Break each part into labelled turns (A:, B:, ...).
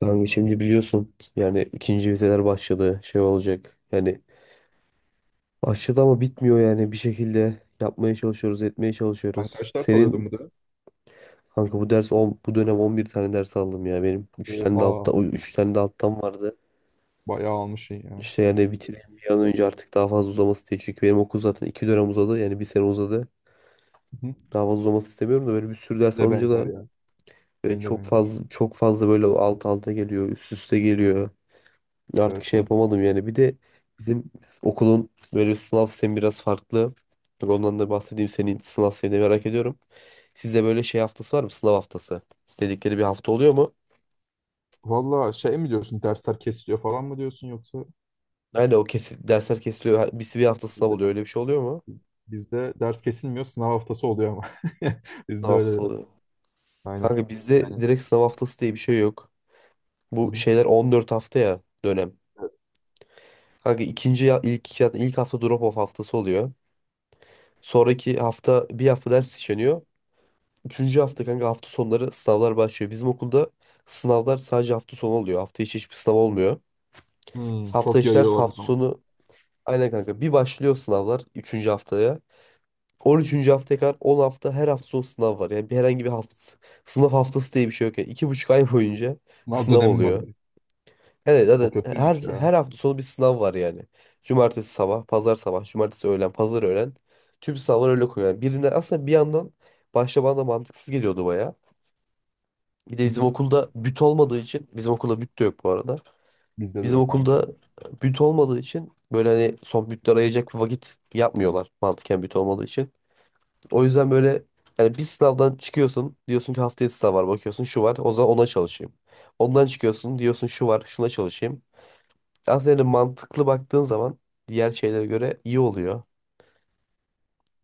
A: Kanka şimdi biliyorsun yani ikinci vizeler başladı, şey olacak yani başladı ama bitmiyor yani bir şekilde yapmaya çalışıyoruz etmeye
B: Ben
A: çalışıyoruz.
B: kaç ders alıyordum
A: Senin
B: bu dönem?
A: kanka, bu dönem 11 tane ders aldım ya, benim üç tane de
B: Oha,
A: altta üç tane de alttan vardı.
B: bayağı almışsın ya.
A: İşte yani bitireyim bir an önce, artık daha fazla uzaması değil çünkü benim okul zaten 2 dönem uzadı yani bir sene uzadı.
B: Hı.
A: Daha fazla uzaması istemiyorum da böyle bir sürü
B: Benim
A: ders
B: de
A: alınca da
B: benzer ya. Benim de
A: çok
B: benzer.
A: fazla çok fazla böyle alt alta geliyor üst üste geliyor. Artık
B: Evet,
A: şey
B: evet.
A: yapamadım yani. Bir de bizim okulun böyle bir sınav sistemi biraz farklı. Bak ondan da bahsedeyim. Senin sınav sistemini merak ediyorum. Size böyle şey haftası var mı? Sınav haftası dedikleri bir hafta oluyor mu?
B: Valla şey mi diyorsun, dersler kesiliyor falan mı diyorsun, yoksa
A: Aynen, o kesin. Dersler kesiliyor. Bir hafta sınav
B: bizde,
A: oluyor. Öyle bir şey oluyor mu?
B: bizde ders kesilmiyor, sınav haftası oluyor ama.
A: Sınav
B: Bizde öyle
A: haftası
B: biraz.
A: oluyor.
B: Aynen.
A: Kanka bizde
B: Yani
A: direkt sınav haftası diye bir şey yok.
B: hı
A: Bu
B: hı.
A: şeyler 14 hafta ya dönem.
B: Evet.
A: Kanka ilk hafta drop off haftası oluyor. Sonraki hafta bir hafta ders işleniyor. Üçüncü hafta kanka hafta sonları sınavlar başlıyor. Bizim okulda sınavlar sadece hafta sonu oluyor. Hafta içi hiçbir sınav olmuyor.
B: Hmm,
A: Hafta
B: çok
A: içi ders,
B: yayıyorlar o
A: hafta
B: zaman.
A: sonu aynen kanka. Bir başlıyor sınavlar üçüncü haftaya. 13. haftaya kadar 10 hafta her hafta sonu sınav var. Yani bir herhangi bir hafta sınav haftası diye bir şey yok. Yani 2,5 ay boyunca
B: Sınav
A: sınav
B: dönemi var
A: oluyor.
B: direkt.
A: Yani
B: O
A: zaten her,
B: kötüymüş ya.
A: her hafta sonu bir sınav var yani. Cumartesi sabah, pazar sabah, cumartesi öğlen, pazar öğlen. Tüm sınavlar öyle koyuyor. Yani birinden aslında, bir yandan başta bana da mantıksız geliyordu baya. Bir de
B: Hı
A: bizim
B: hı.
A: okulda büt olmadığı için, bizim okulda büt de yok bu arada.
B: Bizde de
A: Bizim
B: yok, aynı şey.
A: okulda büt olmadığı için böyle hani son bütler ayıracak bir vakit yapmıyorlar mantıken, büt olmadığı için. O yüzden böyle yani bir sınavdan çıkıyorsun diyorsun ki haftaya sınav var, bakıyorsun şu var, o zaman ona çalışayım. Ondan çıkıyorsun diyorsun şu var, şuna çalışayım. Aslında yani mantıklı baktığın zaman diğer şeylere göre iyi oluyor.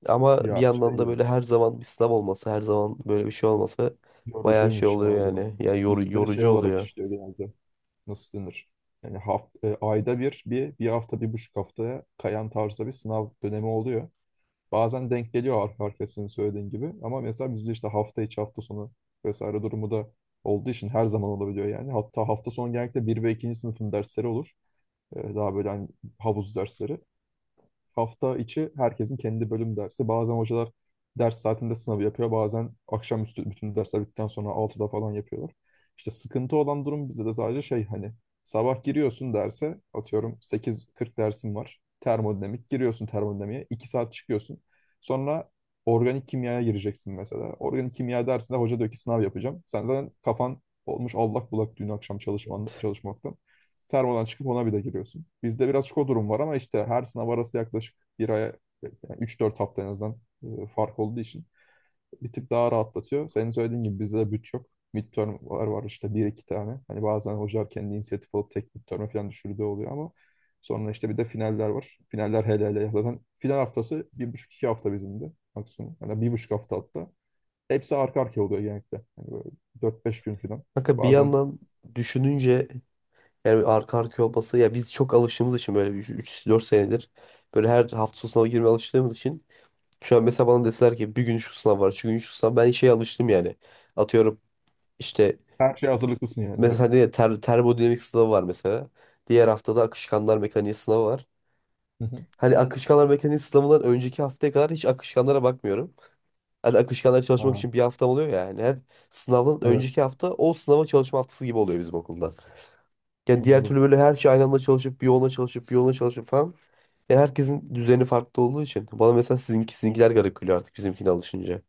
A: Ama bir
B: Ya şey
A: yandan da
B: ya.
A: böyle her zaman bir sınav olması, her zaman böyle bir şey olması bayağı şey
B: Yorucuymuş ya
A: oluyor
B: o durum.
A: yani. Yani
B: Bizde şey
A: yorucu
B: olarak
A: oluyor.
B: işliyor genelde. Nasıl denir? Yani ayda bir, bir hafta, bir buçuk haftaya kayan tarzda bir sınav dönemi oluyor. Bazen denk geliyor arka arkaya, senin söylediğin gibi. Ama mesela bizde işte hafta içi, hafta sonu vesaire durumu da olduğu için her zaman olabiliyor yani. Hatta hafta sonu genellikle bir ve ikinci sınıfın dersleri olur. Daha böyle hani havuz dersleri, hafta içi herkesin kendi bölüm dersi. Bazen hocalar ders saatinde sınavı yapıyor. Bazen akşamüstü bütün dersler bittikten sonra altıda falan yapıyorlar. İşte sıkıntı olan durum bizde de sadece şey hani, sabah giriyorsun derse, atıyorum sekiz kırk dersin var. Termodinamik, giriyorsun termodinamiğe, 2 saat çıkıyorsun. Sonra organik kimyaya gireceksin mesela. Organik kimya dersinde hoca diyor ki sınav yapacağım. Sen zaten kafan olmuş allak bullak dün akşam
A: Evet.
B: çalışmaktan. Termodan çıkıp ona bir de giriyorsun. Bizde birazcık o durum var, ama işte her sınav arası yaklaşık bir aya, yani 3-4 hafta en azından fark olduğu için bir tık daha rahatlatıyor. Senin söylediğin gibi bizde de büt yok. Midterm'ler var işte, bir iki tane. Hani bazen hocalar kendi inisiyatif alıp tek midterm'e falan düşürdüğü oluyor, ama sonra işte bir de finaller var. Finaller, hele hele zaten final haftası bir buçuk iki hafta bizim de maksimum. Hani bir buçuk hafta hatta. Hepsi arka arkaya oluyor genellikle. Hani böyle 4-5 gün falan.
A: Kanka bir
B: Bazen
A: yandan düşününce yani arka arkaya olması, ya biz çok alıştığımız için böyle üç, dört senedir böyle her hafta sonu sınava girmeye alıştığımız için şu an mesela bana deseler ki bir gün şu sınav var, şu gün şu sınav, ben şeye alıştım yani. Atıyorum işte
B: her şeye hazırlıklısın yani hep.
A: mesela ne ya, termodinamik sınavı var mesela. Diğer haftada akışkanlar mekaniği sınavı var.
B: Hı hı.
A: Hani akışkanlar mekaniği sınavından önceki haftaya kadar hiç akışkanlara bakmıyorum. Hani akışkanlara çalışmak
B: Ha,
A: için bir haftam oluyor ya yani. Her sınavdan
B: evet.
A: önceki hafta o sınava çalışma haftası gibi oluyor bizim okulda. Yani diğer
B: Anladım.
A: türlü böyle her şey aynı anda çalışıp bir yoluna çalışıp bir yoluna çalışıp falan. Ya herkesin düzeni farklı olduğu için. Bana mesela sizinki, sizinkiler garip geliyor artık bizimkine alışınca.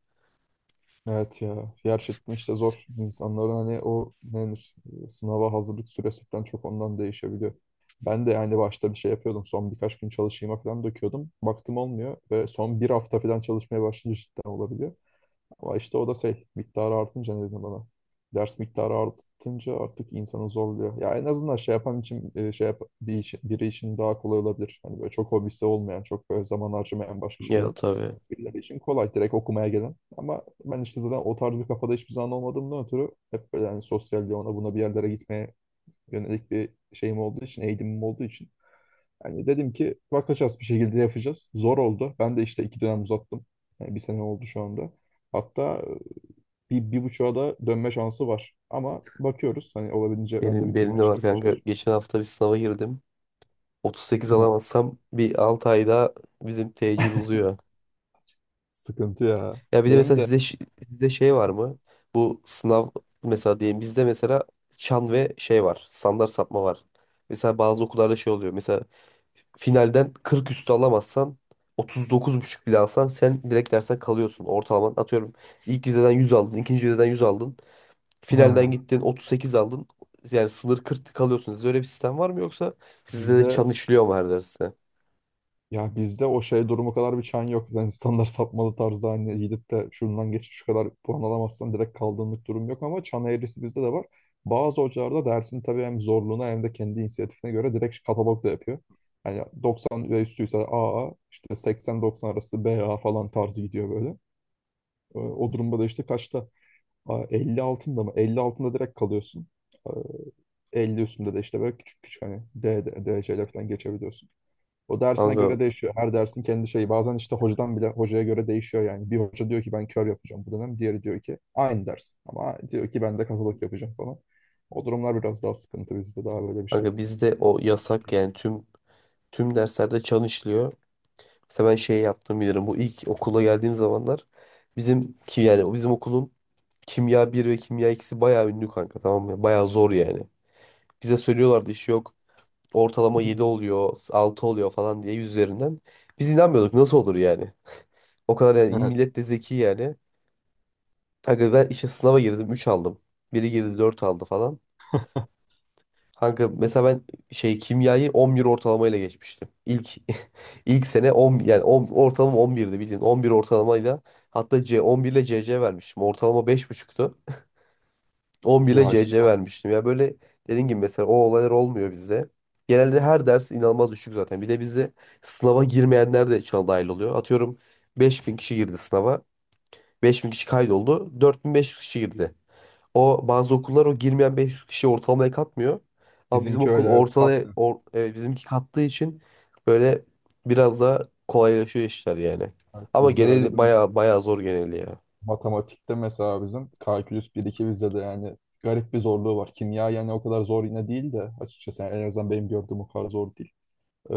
B: Evet ya. Gerçekten işte zor. İnsanların hani o ne denir, sınava hazırlık süresi falan çok ondan değişebiliyor. Ben de yani başta bir şey yapıyordum. Son birkaç gün çalışayım falan döküyordum. Baktım olmuyor, ve son bir hafta falan çalışmaya başlayınca cidden olabiliyor. Ama işte o da şey miktarı artınca ne dedim bana. Ders miktarı artınca artık insanı zorluyor. Ya en azından şey yapan için biri için daha kolay olabilir. Hani böyle çok hobisi olmayan, çok böyle zaman harcamayan başka
A: Ya,
B: şeyler,
A: tabii.
B: birileri için kolay, direkt okumaya gelen. Ama ben işte zaten o tarz bir kafada hiçbir zaman olmadığımdan ötürü hep böyle yani sosyal, ona buna, bir yerlere gitmeye yönelik bir şeyim olduğu için, eğilimim olduğu için. Yani dedim ki bakacağız bir şekilde yapacağız. Zor oldu. Ben de işte iki dönem uzattım. Yani bir sene oldu şu anda. Hatta bir buçuğa da dönme şansı var. Ama bakıyoruz. Hani olabildiğince ben de
A: Benim
B: bitirmeye
A: de
B: şey
A: var
B: yapmaya
A: kanka.
B: çalışıyorum.
A: Geçen hafta bir sınava girdim. 38
B: Ha,
A: alamazsam bir 6 ay daha bizim tecil uzuyor.
B: sıkıntı ya.
A: Ya bir de mesela
B: Benim de
A: sizde, sizde şey var mı? Bu sınav mesela diyelim, bizde mesela çan ve şey var. Standart sapma var. Mesela bazı okullarda şey oluyor. Mesela finalden 40 üstü alamazsan 39,5 bile alsan sen direkt dersten kalıyorsun. Ortalaman, atıyorum, ilk vizeden 100 aldın, ikinci vizeden 100 aldın. Finalden
B: Ha,
A: gittin 38 aldın. Yani sınır 40, kalıyorsun. Sizde öyle bir sistem var mı, yoksa sizde de
B: bizde
A: çan işliyor mu her derste?
B: bizde o şey durumu kadar bir çan yok. Yani standart sapmalı tarzı, hani gidip de şundan geçip şu kadar puan alamazsan direkt kaldığınlık durum yok, ama çan eğrisi bizde de var. Bazı hocalarda, dersin tabii hem zorluğuna hem de kendi inisiyatifine göre, direkt katalog da yapıyor. Yani 90 ve üstüyse AA, işte 80-90 arası BA falan tarzı gidiyor böyle. O durumda da işte kaçta, Aa, 50 altında mı? 50 altında direkt kalıyorsun. Aa, 50 üstünde de işte böyle küçük küçük hani DC'ler falan geçebiliyorsun. O dersine
A: Kanka,
B: göre değişiyor. Her dersin kendi şeyi. Bazen işte hocadan bile, hocaya göre değişiyor yani. Bir hoca diyor ki ben kör yapacağım bu dönem. Diğeri diyor ki aynı ders, ama diyor ki ben de katalog yapacağım falan. O durumlar biraz daha sıkıntı, bizde daha böyle bir şey.
A: kanka, bizde o yasak yani tüm derslerde çan işliyor. Mesela ben şey yaptım bilirim. Bu ilk okula geldiğim zamanlar bizim ki yani bizim okulun kimya bir ve kimya ikisi bayağı ünlü kanka, tamam mı? Bayağı zor yani. Bize söylüyorlardı iş yok. Ortalama 7 oluyor, 6 oluyor falan diye 100 üzerinden. Biz inanmıyorduk nasıl olur yani. O kadar yani,
B: Evet.
A: millet de zeki yani. Kanka ben işte sınava girdim, 3 aldım. Biri girdi, 4 aldı falan. Kanka mesela ben şey kimyayı 11 ortalamayla geçmiştim. İlk ilk sene 10 yani 10 ortalama 11'di bildiğin. 11 ortalamayla, hatta C 11 ile CC vermiştim. Ortalama 5,5'tu. 11 ile
B: Ya
A: CC
B: cidden
A: vermiştim. Ya, böyle dediğin gibi mesela o olaylar olmuyor bizde. Genelde her ders inanılmaz düşük zaten. Bir de bizde sınava girmeyenler de içine dahil oluyor. Atıyorum 5.000 kişi girdi sınava. 5.000 kişi kaydoldu. 4.500 kişi girdi. O bazı okullar o girmeyen 500 kişi ortalamaya katmıyor. Ama bizim
B: bizimki
A: okul
B: öyle, evet, katmıyor.
A: bizimki kattığı için böyle biraz daha kolaylaşıyor işler yani.
B: Evet,
A: Ama
B: bizde öyle
A: genel
B: durumlar.
A: baya baya zor geneli ya.
B: Matematikte mesela bizim kalkülüs 1-2 vizede yani garip bir zorluğu var. Kimya yani o kadar zor yine değil de açıkçası, yani en azından benim gördüğüm o kadar zor değil. Ee,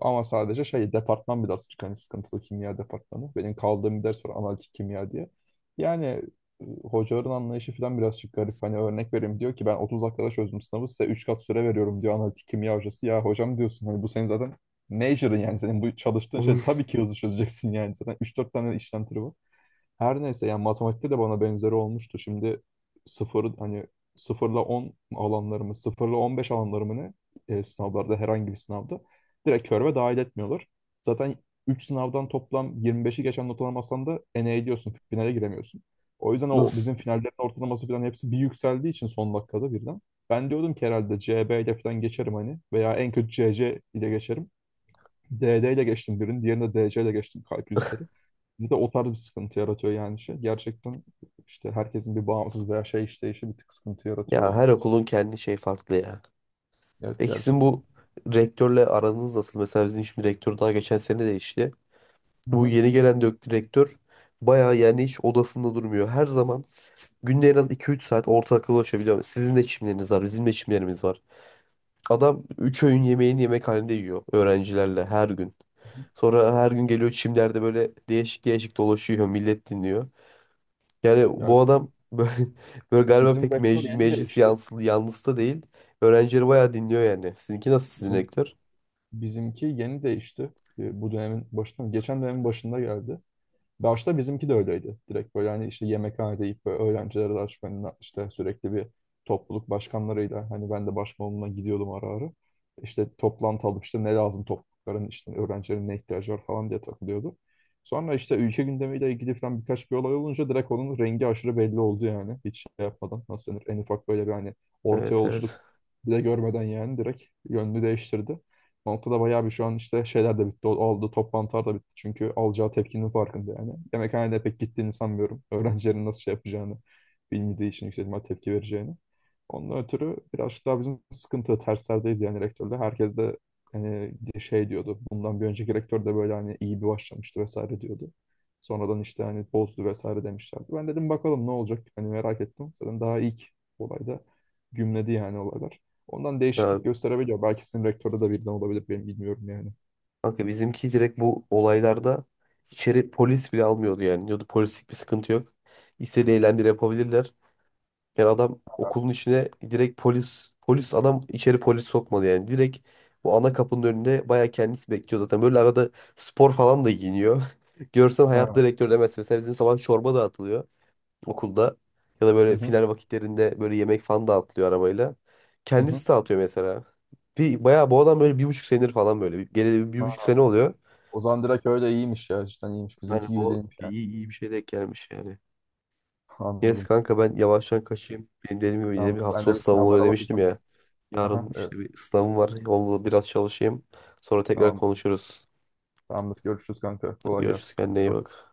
B: ama sadece şey departman birazcık hani sıkıntılı, kimya departmanı. Benim kaldığım bir ders var, analitik kimya diye. Yani hocaların anlayışı falan birazcık garip. Hani örnek vereyim, diyor ki ben 30 dakikada çözdüm sınavı, size 3 kat süre veriyorum diyor, analitik kimya hocası. Ya hocam diyorsun, hani bu senin zaten major'ın, yani senin bu çalıştığın şey, tabii ki hızlı çözeceksin, yani zaten üç dört tane işlem türü var. Her neyse, yani matematikte de bana benzeri olmuştu. Şimdi sıfır hani, sıfırla 10 alanlarımı, sıfırla 15 alanlarımı ne sınavlarda, herhangi bir sınavda direkt körve dahil etmiyorlar. Zaten 3 sınavdan toplam 25'i geçen not alamazsan da ene ediyorsun, finale giremiyorsun. O yüzden o bizim
A: Nasıl?
B: finallerin ortalaması falan hepsi bir yükseldiği için son dakikada birden. Ben diyordum ki herhalde CB ile falan geçerim hani, veya en kötü CC ile geçerim. DD ile geçtim birini, diğerini de DC ile geçtim, kalkülüsleri. Bizde o tarz bir sıkıntı yaratıyor yani şey. Gerçekten işte herkesin bir bağımsız veya şey işleyişi bir tık sıkıntı
A: Ya
B: yaratıyor.
A: her okulun kendi şey farklı ya.
B: Evet,
A: Peki sizin
B: gerçekten.
A: bu rektörle aranız nasıl? Mesela bizim şimdi rektör daha geçen sene değişti.
B: Hı
A: Bu
B: hı.
A: yeni gelen direktör bayağı, yani hiç odasında durmuyor. Her zaman günde en az iki üç saat ortaklaşabiliyor. Sizin de çimleriniz var, bizim de çimlerimiz var. Adam 3 öğün yemeğini yemekhanede yiyor öğrencilerle her gün. Sonra her gün geliyor çimlerde böyle değişik değişik dolaşıyor, millet dinliyor. Yani
B: Ya
A: bu
B: bizim,
A: adam böyle, böyle galiba
B: bizim
A: pek
B: vektör yeni
A: meclis
B: değişti.
A: yanlısı da değil. Öğrencileri bayağı dinliyor yani. Sizinki nasıl, sizin
B: Bizim
A: rektör?
B: bizimki yeni değişti. Bu dönemin başında, geçen dönemin başında geldi. Başta bizimki de öyleydi. Direkt böyle hani işte yemekhanede deyip böyle öğrenciler arasında, işte sürekli bir topluluk başkanlarıyla, hani ben de başkanlığına gidiyordum ara ara. İşte toplantı alıp işte ne lazım toplulukların, işte öğrencilerin ne ihtiyacı var falan diye takılıyordu. Sonra işte ülke gündemiyle ilgili falan birkaç bir olay olunca direkt onun rengi aşırı belli oldu yani. Hiç şey yapmadan, nasıl denir, en ufak böyle bir hani orta
A: Evet,
B: yolculuk
A: evet.
B: bile görmeden, yani direkt yönünü değiştirdi. O noktada bayağı bir, şu an işte şeyler de bitti. Oldu, toplantılar da bitti. Çünkü alacağı tepkinin farkında yani. Yemekhanede pek gittiğini sanmıyorum. Öğrencilerin nasıl şey yapacağını bilmediği için, yüksek ihtimal tepki vereceğini. Ondan ötürü birazcık daha bizim sıkıntı terslerdeyiz yani rektörle. Herkes de hani şey diyordu. Bundan bir önceki rektör de böyle hani iyi bir başlamıştı vesaire diyordu. Sonradan işte hani bozdu vesaire demişlerdi. Ben dedim bakalım ne olacak? Hani merak ettim. Zaten daha ilk olayda gümledi yani olaylar. Ondan
A: Ya,
B: değişiklik gösterebiliyor. Belki sizin rektörü de birden olabilir. Benim bilmiyorum yani.
A: kanka bizimki direkt bu olaylarda içeri polis bile almıyordu yani. Diyordu polislik bir sıkıntı yok, İstediği eylemleri yapabilirler. Yani adam okulun içine direkt polis polis adam içeri polis sokmadı yani. Direkt bu ana kapının önünde bayağı kendisi bekliyor zaten. Böyle arada spor falan da giyiniyor. Görsen hayat
B: Ha.
A: direktör demezsin. Mesela bizim sabah çorba dağıtılıyor okulda, ya da
B: Hı
A: böyle
B: hı.
A: final vakitlerinde böyle yemek falan dağıtılıyor arabayla.
B: Hı hı.
A: Kendisi dağıtıyor mesela. Bayağı bu adam böyle 1,5 senedir falan böyle. Geleli bir
B: Ha,
A: buçuk sene oluyor.
B: o zaman direkt öyle iyiymiş ya. Cidden iyiymiş. Bizimki
A: Yani
B: gibi
A: bu
B: değilmiş yani.
A: iyi, iyi bir şey denk gelmiş yani. Neyse
B: Anladım.
A: kanka ben yavaştan kaçayım. Benim dediğim gibi
B: Tamam.
A: hafta
B: Ben
A: sonu
B: de bir
A: sınavım oluyor
B: sınavlara
A: demiştim
B: bakacağım.
A: ya.
B: Aha,
A: Yarın
B: evet.
A: işte bir sınavım var, onunla biraz çalışayım. Sonra tekrar
B: Tamam.
A: konuşuruz.
B: Tamamdır. Görüşürüz kanka. Kolay
A: Görüşürüz,
B: gelsin.
A: kendine
B: Kendine iyi
A: iyi
B: bak.
A: bak.